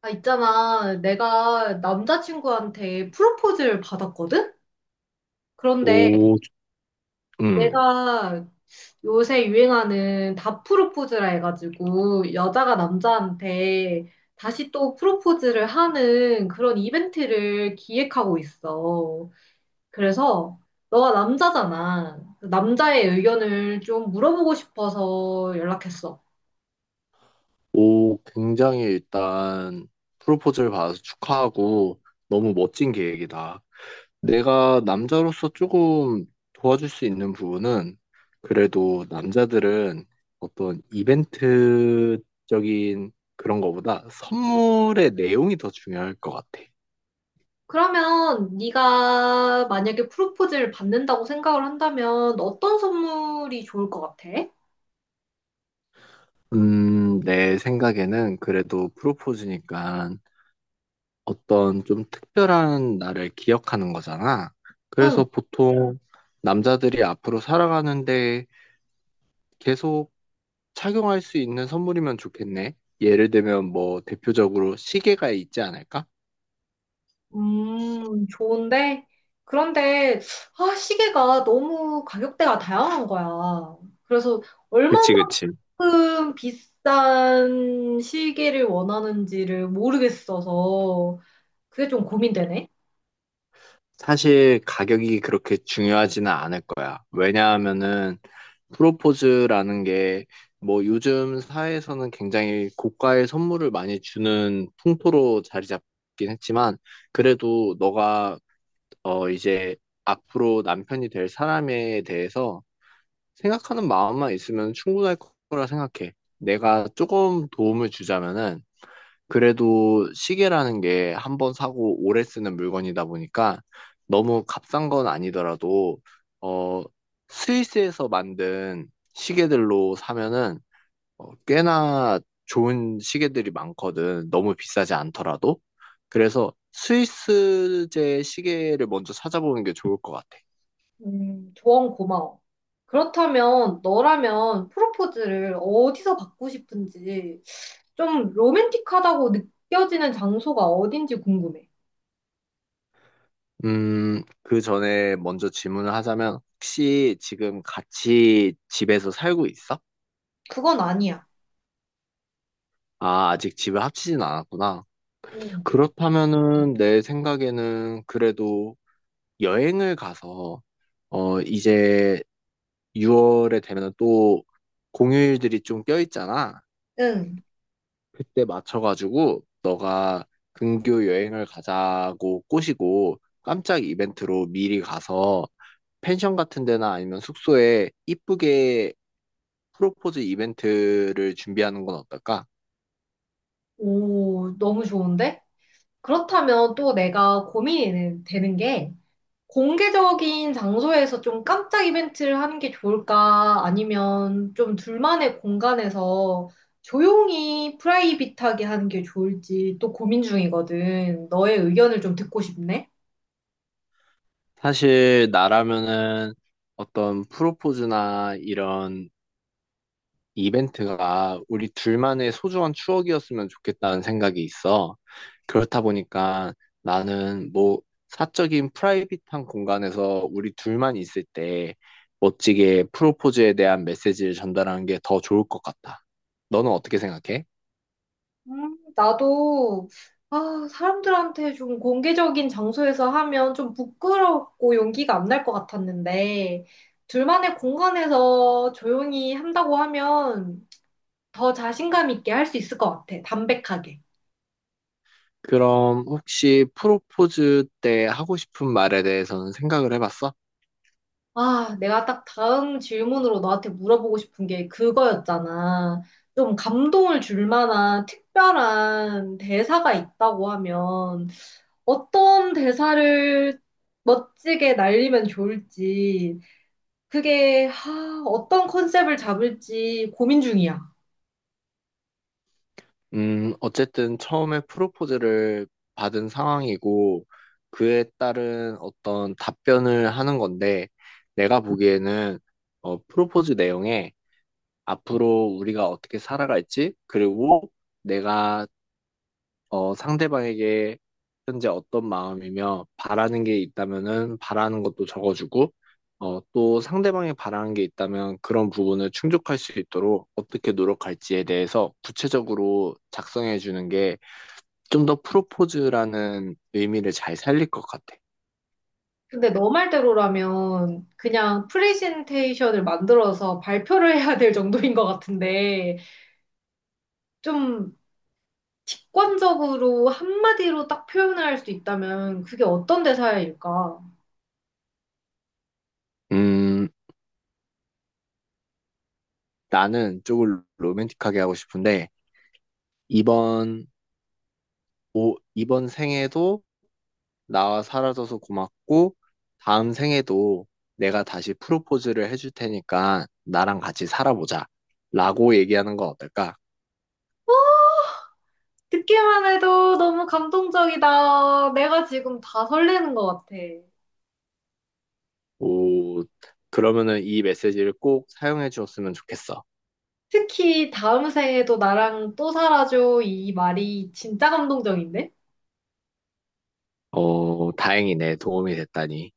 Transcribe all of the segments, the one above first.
아, 있잖아. 내가 남자친구한테 프로포즈를 받았거든? 그런데 오. 음, 내가 요새 유행하는 다 프로포즈라 해가지고 여자가 남자한테 다시 또 프로포즈를 하는 그런 이벤트를 기획하고 있어. 그래서 너가 남자잖아. 남자의 의견을 좀 물어보고 싶어서 연락했어. 오, 굉장히 일단 프로포즈를 받아서 축하하고 너무 멋진 계획이다. 내가 남자로서 조금 도와줄 수 있는 부분은, 그래도 남자들은 어떤 이벤트적인 그런 거보다 선물의 내용이 더 중요할 것 같아. 그러면 네가 만약에 프로포즈를 받는다고 생각을 한다면 어떤 선물이 좋을 것 같아? 내 생각에는 그래도 프로포즈니까 어떤 좀 특별한 날을 기억하는 거잖아. 응, 그래서 보통 남자들이 앞으로 살아가는데 계속 착용할 수 있는 선물이면 좋겠네. 예를 들면 뭐 대표적으로 시계가 있지 않을까? 좋은데 그런데 아, 시계가 너무 가격대가 다양한 거야. 그래서 그치, 그치. 얼마만큼 비싼 시계를 원하는지를 모르겠어서 그게 좀 고민되네. 사실 가격이 그렇게 중요하지는 않을 거야. 왜냐하면은 프로포즈라는 게, 뭐 요즘 사회에서는 굉장히 고가의 선물을 많이 주는 풍토로 자리 잡긴 했지만, 그래도 너가 이제 앞으로 남편이 될 사람에 대해서 생각하는 마음만 있으면 충분할 거라 생각해. 내가 조금 도움을 주자면은, 그래도 시계라는 게 한번 사고 오래 쓰는 물건이다 보니까 너무 값싼 건 아니더라도, 어, 스위스에서 만든 시계들로 사면은 꽤나 좋은 시계들이 많거든. 너무 비싸지 않더라도. 그래서 스위스제 시계를 먼저 찾아보는 게 좋을 것 같아. 조언 고마워. 그렇다면 너라면 프로포즈를 어디서 받고 싶은지 좀 로맨틱하다고 느껴지는 장소가 어딘지 궁금해. 그 전에 먼저 질문을 하자면, 혹시 지금 같이 집에서 살고 있어? 그건 아니야. 아, 아직 집을 합치진 않았구나. 응. 그렇다면은 내 생각에는 그래도 여행을 가서, 이제 6월에 되면 또 공휴일들이 좀 껴있잖아. 응. 그때 맞춰가지고 너가 근교 여행을 가자고 꼬시고 깜짝 이벤트로 미리 가서 펜션 같은 데나 아니면 숙소에 이쁘게 프로포즈 이벤트를 준비하는 건 어떨까? 오, 너무 좋은데? 그렇다면 또 내가 고민이 되는 게 공개적인 장소에서 좀 깜짝 이벤트를 하는 게 좋을까? 아니면 좀 둘만의 공간에서 조용히 프라이빗하게 하는 게 좋을지 또 고민 중이거든. 너의 의견을 좀 듣고 싶네. 사실 나라면은 어떤 프로포즈나 이런 이벤트가 우리 둘만의 소중한 추억이었으면 좋겠다는 생각이 있어. 그렇다 보니까 나는 뭐 사적인 프라이빗한 공간에서 우리 둘만 있을 때 멋지게 프로포즈에 대한 메시지를 전달하는 게 더 좋을 것 같다. 너는 어떻게 생각해? 나도 아, 사람들한테 좀 공개적인 장소에서 하면 좀 부끄럽고 용기가 안 날 것 같았는데 둘만의 공간에서 조용히 한다고 하면 더 자신감 있게 할 수 있을 것 같아. 담백하게. 그럼 혹시 프로포즈 때 하고 싶은 말에 대해서는 생각을 해봤어? 아, 내가 딱 다음 질문으로 너한테 물어보고 싶은 게 그거였잖아. 좀 감동을 줄 만한 특별한 대사가 있다고 하면 어떤 대사를 멋지게 날리면 좋을지, 그게 하, 어떤 컨셉을 잡을지 고민 중이야. 어쨌든 처음에 프로포즈를 받은 상황이고 그에 따른 어떤 답변을 하는 건데, 내가 보기에는, 프로포즈 내용에 앞으로 우리가 어떻게 살아갈지, 그리고 내가 상대방에게 현재 어떤 마음이며 바라는 게 있다면은 바라는 것도 적어주고, 또 상대방이 바라는 게 있다면 그런 부분을 충족할 수 있도록 어떻게 노력할지에 대해서 구체적으로 작성해 주는 게 좀 더 프로포즈라는 의미를 잘 살릴 것 같아. 근데 너 말대로라면 그냥 프레젠테이션을 만들어서 발표를 해야 될 정도인 것 같은데, 좀 직관적으로 한마디로 딱 표현할 수 있다면 그게 어떤 대사일까? 음, 나는 쪽을 로맨틱하게 하고 싶은데, 이번, 오, 이번 생에도 나와 살아줘서 고맙고, 다음 생에도 내가 다시 프로포즈를 해줄 테니까 나랑 같이 살아보자. 라고 얘기하는 건 어떨까? 듣기만 해도 너무 감동적이다. 내가 지금 다 설레는 것 같아. 오, 그러면은 이 메시지를 꼭 사용해 주었으면 좋겠어. 특히 다음 생에도 나랑 또 살아줘. 이 말이 진짜 감동적인데? 어, 다행이네. 도움이 됐다니.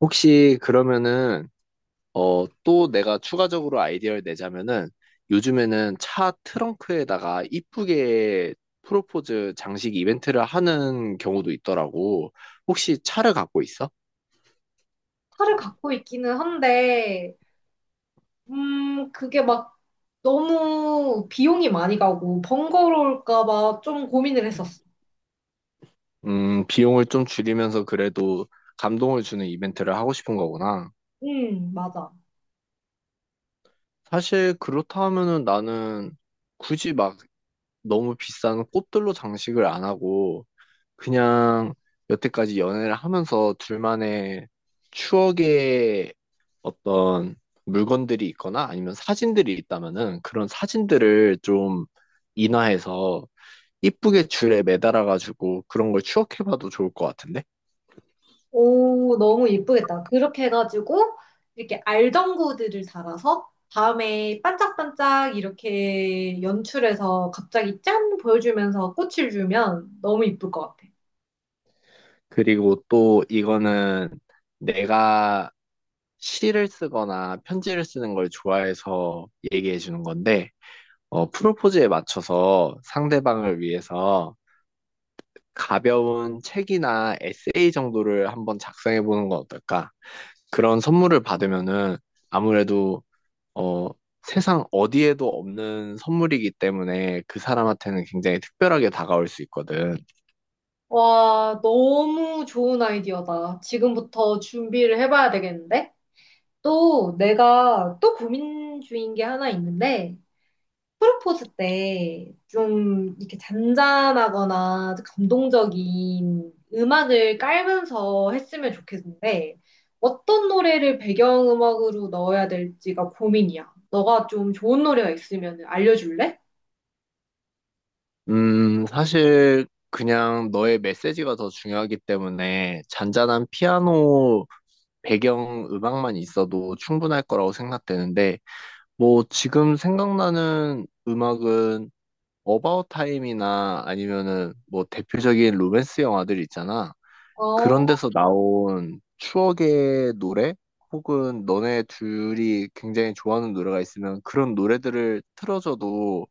혹시 그러면은, 또 내가 추가적으로 아이디어를 내자면은, 요즘에는 차 트렁크에다가 이쁘게 프로포즈 장식 이벤트를 하는 경우도 있더라고. 혹시 차를 갖고 있어? 탈을 갖고 있기는 한데, 그게 막 너무 비용이 많이 가고 번거로울까 봐 좀 고민을 했었어. 비용을 좀 줄이면서 그래도 감동을 주는 이벤트를 하고 싶은 거구나. 맞아. 사실 그렇다 하면은 나는 굳이 막 너무 비싼 꽃들로 장식을 안 하고 그냥 여태까지 연애를 하면서 둘만의 추억의 어떤 물건들이 있거나 아니면 사진들이 있다면은 그런 사진들을 좀 인화해서 이쁘게 줄에 매달아가지고 그런 걸 추억해봐도 좋을 것 같은데? 오, 너무 예쁘겠다. 그렇게 해가지고, 이렇게 알전구들을 달아서, 다음에 반짝반짝 이렇게 연출해서 갑자기 짠! 보여주면서 꽃을 주면 너무 예쁠 것 같아. 그리고 또 이거는 내가 시를 쓰거나 편지를 쓰는 걸 좋아해서 얘기해 주는 건데, 프로포즈에 맞춰서 상대방을 위해서 가벼운 책이나 에세이 정도를 한번 작성해 보는 건 어떨까? 그런 선물을 받으면은 아무래도 어, 세상 어디에도 없는 선물이기 때문에 그 사람한테는 굉장히 특별하게 다가올 수 있거든. 와, 너무 좋은 아이디어다. 지금부터 준비를 해봐야 되겠는데? 또 내가 또 고민 중인 게 하나 있는데, 프로포즈 때 좀 이렇게 잔잔하거나 감동적인 음악을 깔면서 했으면 좋겠는데 어떤 노래를 배경음악으로 넣어야 될지가 고민이야. 너가 좀 좋은 노래가 있으면 알려줄래? 사실 그냥 너의 메시지가 더 중요하기 때문에 잔잔한 피아노 배경 음악만 있어도 충분할 거라고 생각되는데, 뭐 지금 생각나는 음악은 어바웃 타임이나 아니면은 뭐 대표적인 로맨스 영화들 있잖아. 그런 어, 데서 나온 추억의 노래 혹은 너네 둘이 굉장히 좋아하는 노래가 있으면 그런 노래들을 틀어줘도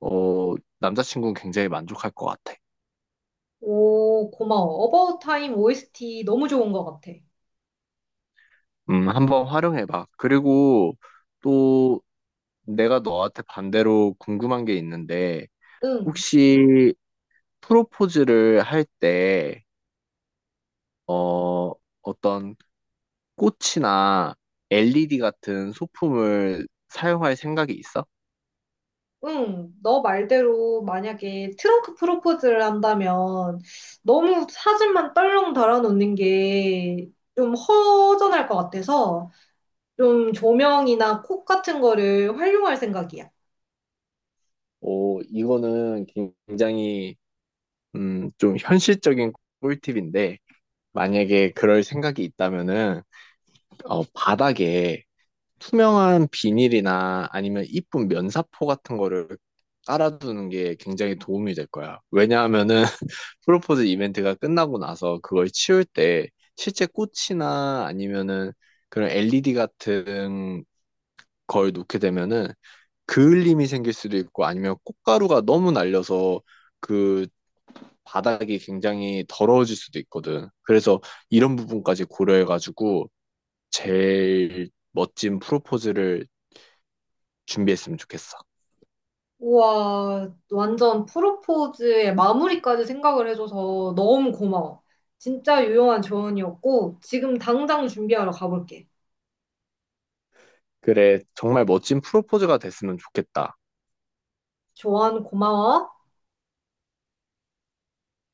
어 남자친구는 굉장히 만족할 것 같아. 오, 고마워. About Time OST 너무 좋은 것 같아. 한번 활용해봐. 그리고 또 내가 너한테 반대로 궁금한 게 있는데, 응. 혹시 프로포즈를 할 때, 어, 어떤 꽃이나 LED 같은 소품을 사용할 생각이 있어? 응, 너 말대로 만약에 트렁크 프로포즈를 한다면 너무 사진만 떨렁 달아놓는 게 좀 허전할 것 같아서 좀 조명이나 콕 같은 거를 활용할 생각이야. 오, 이거는 굉장히, 좀 현실적인 꿀팁인데, 만약에 그럴 생각이 있다면은, 바닥에 투명한 비닐이나 아니면 이쁜 면사포 같은 거를 깔아두는 게 굉장히 도움이 될 거야. 왜냐하면은 프로포즈 이벤트가 끝나고 나서 그걸 치울 때 실제 꽃이나 아니면은 그런 LED 같은 걸 놓게 되면은 그을림이 생길 수도 있고 아니면 꽃가루가 너무 날려서 그 바닥이 굉장히 더러워질 수도 있거든. 그래서 이런 부분까지 고려해가지고 제일 멋진 프로포즈를 준비했으면 좋겠어. 우와, 완전 프로포즈의 마무리까지 생각을 해줘서 너무 고마워. 진짜 유용한 조언이었고 지금 당장 준비하러 가볼게. 그래, 정말 멋진 프로포즈가 됐으면 좋겠다. 조언 고마워.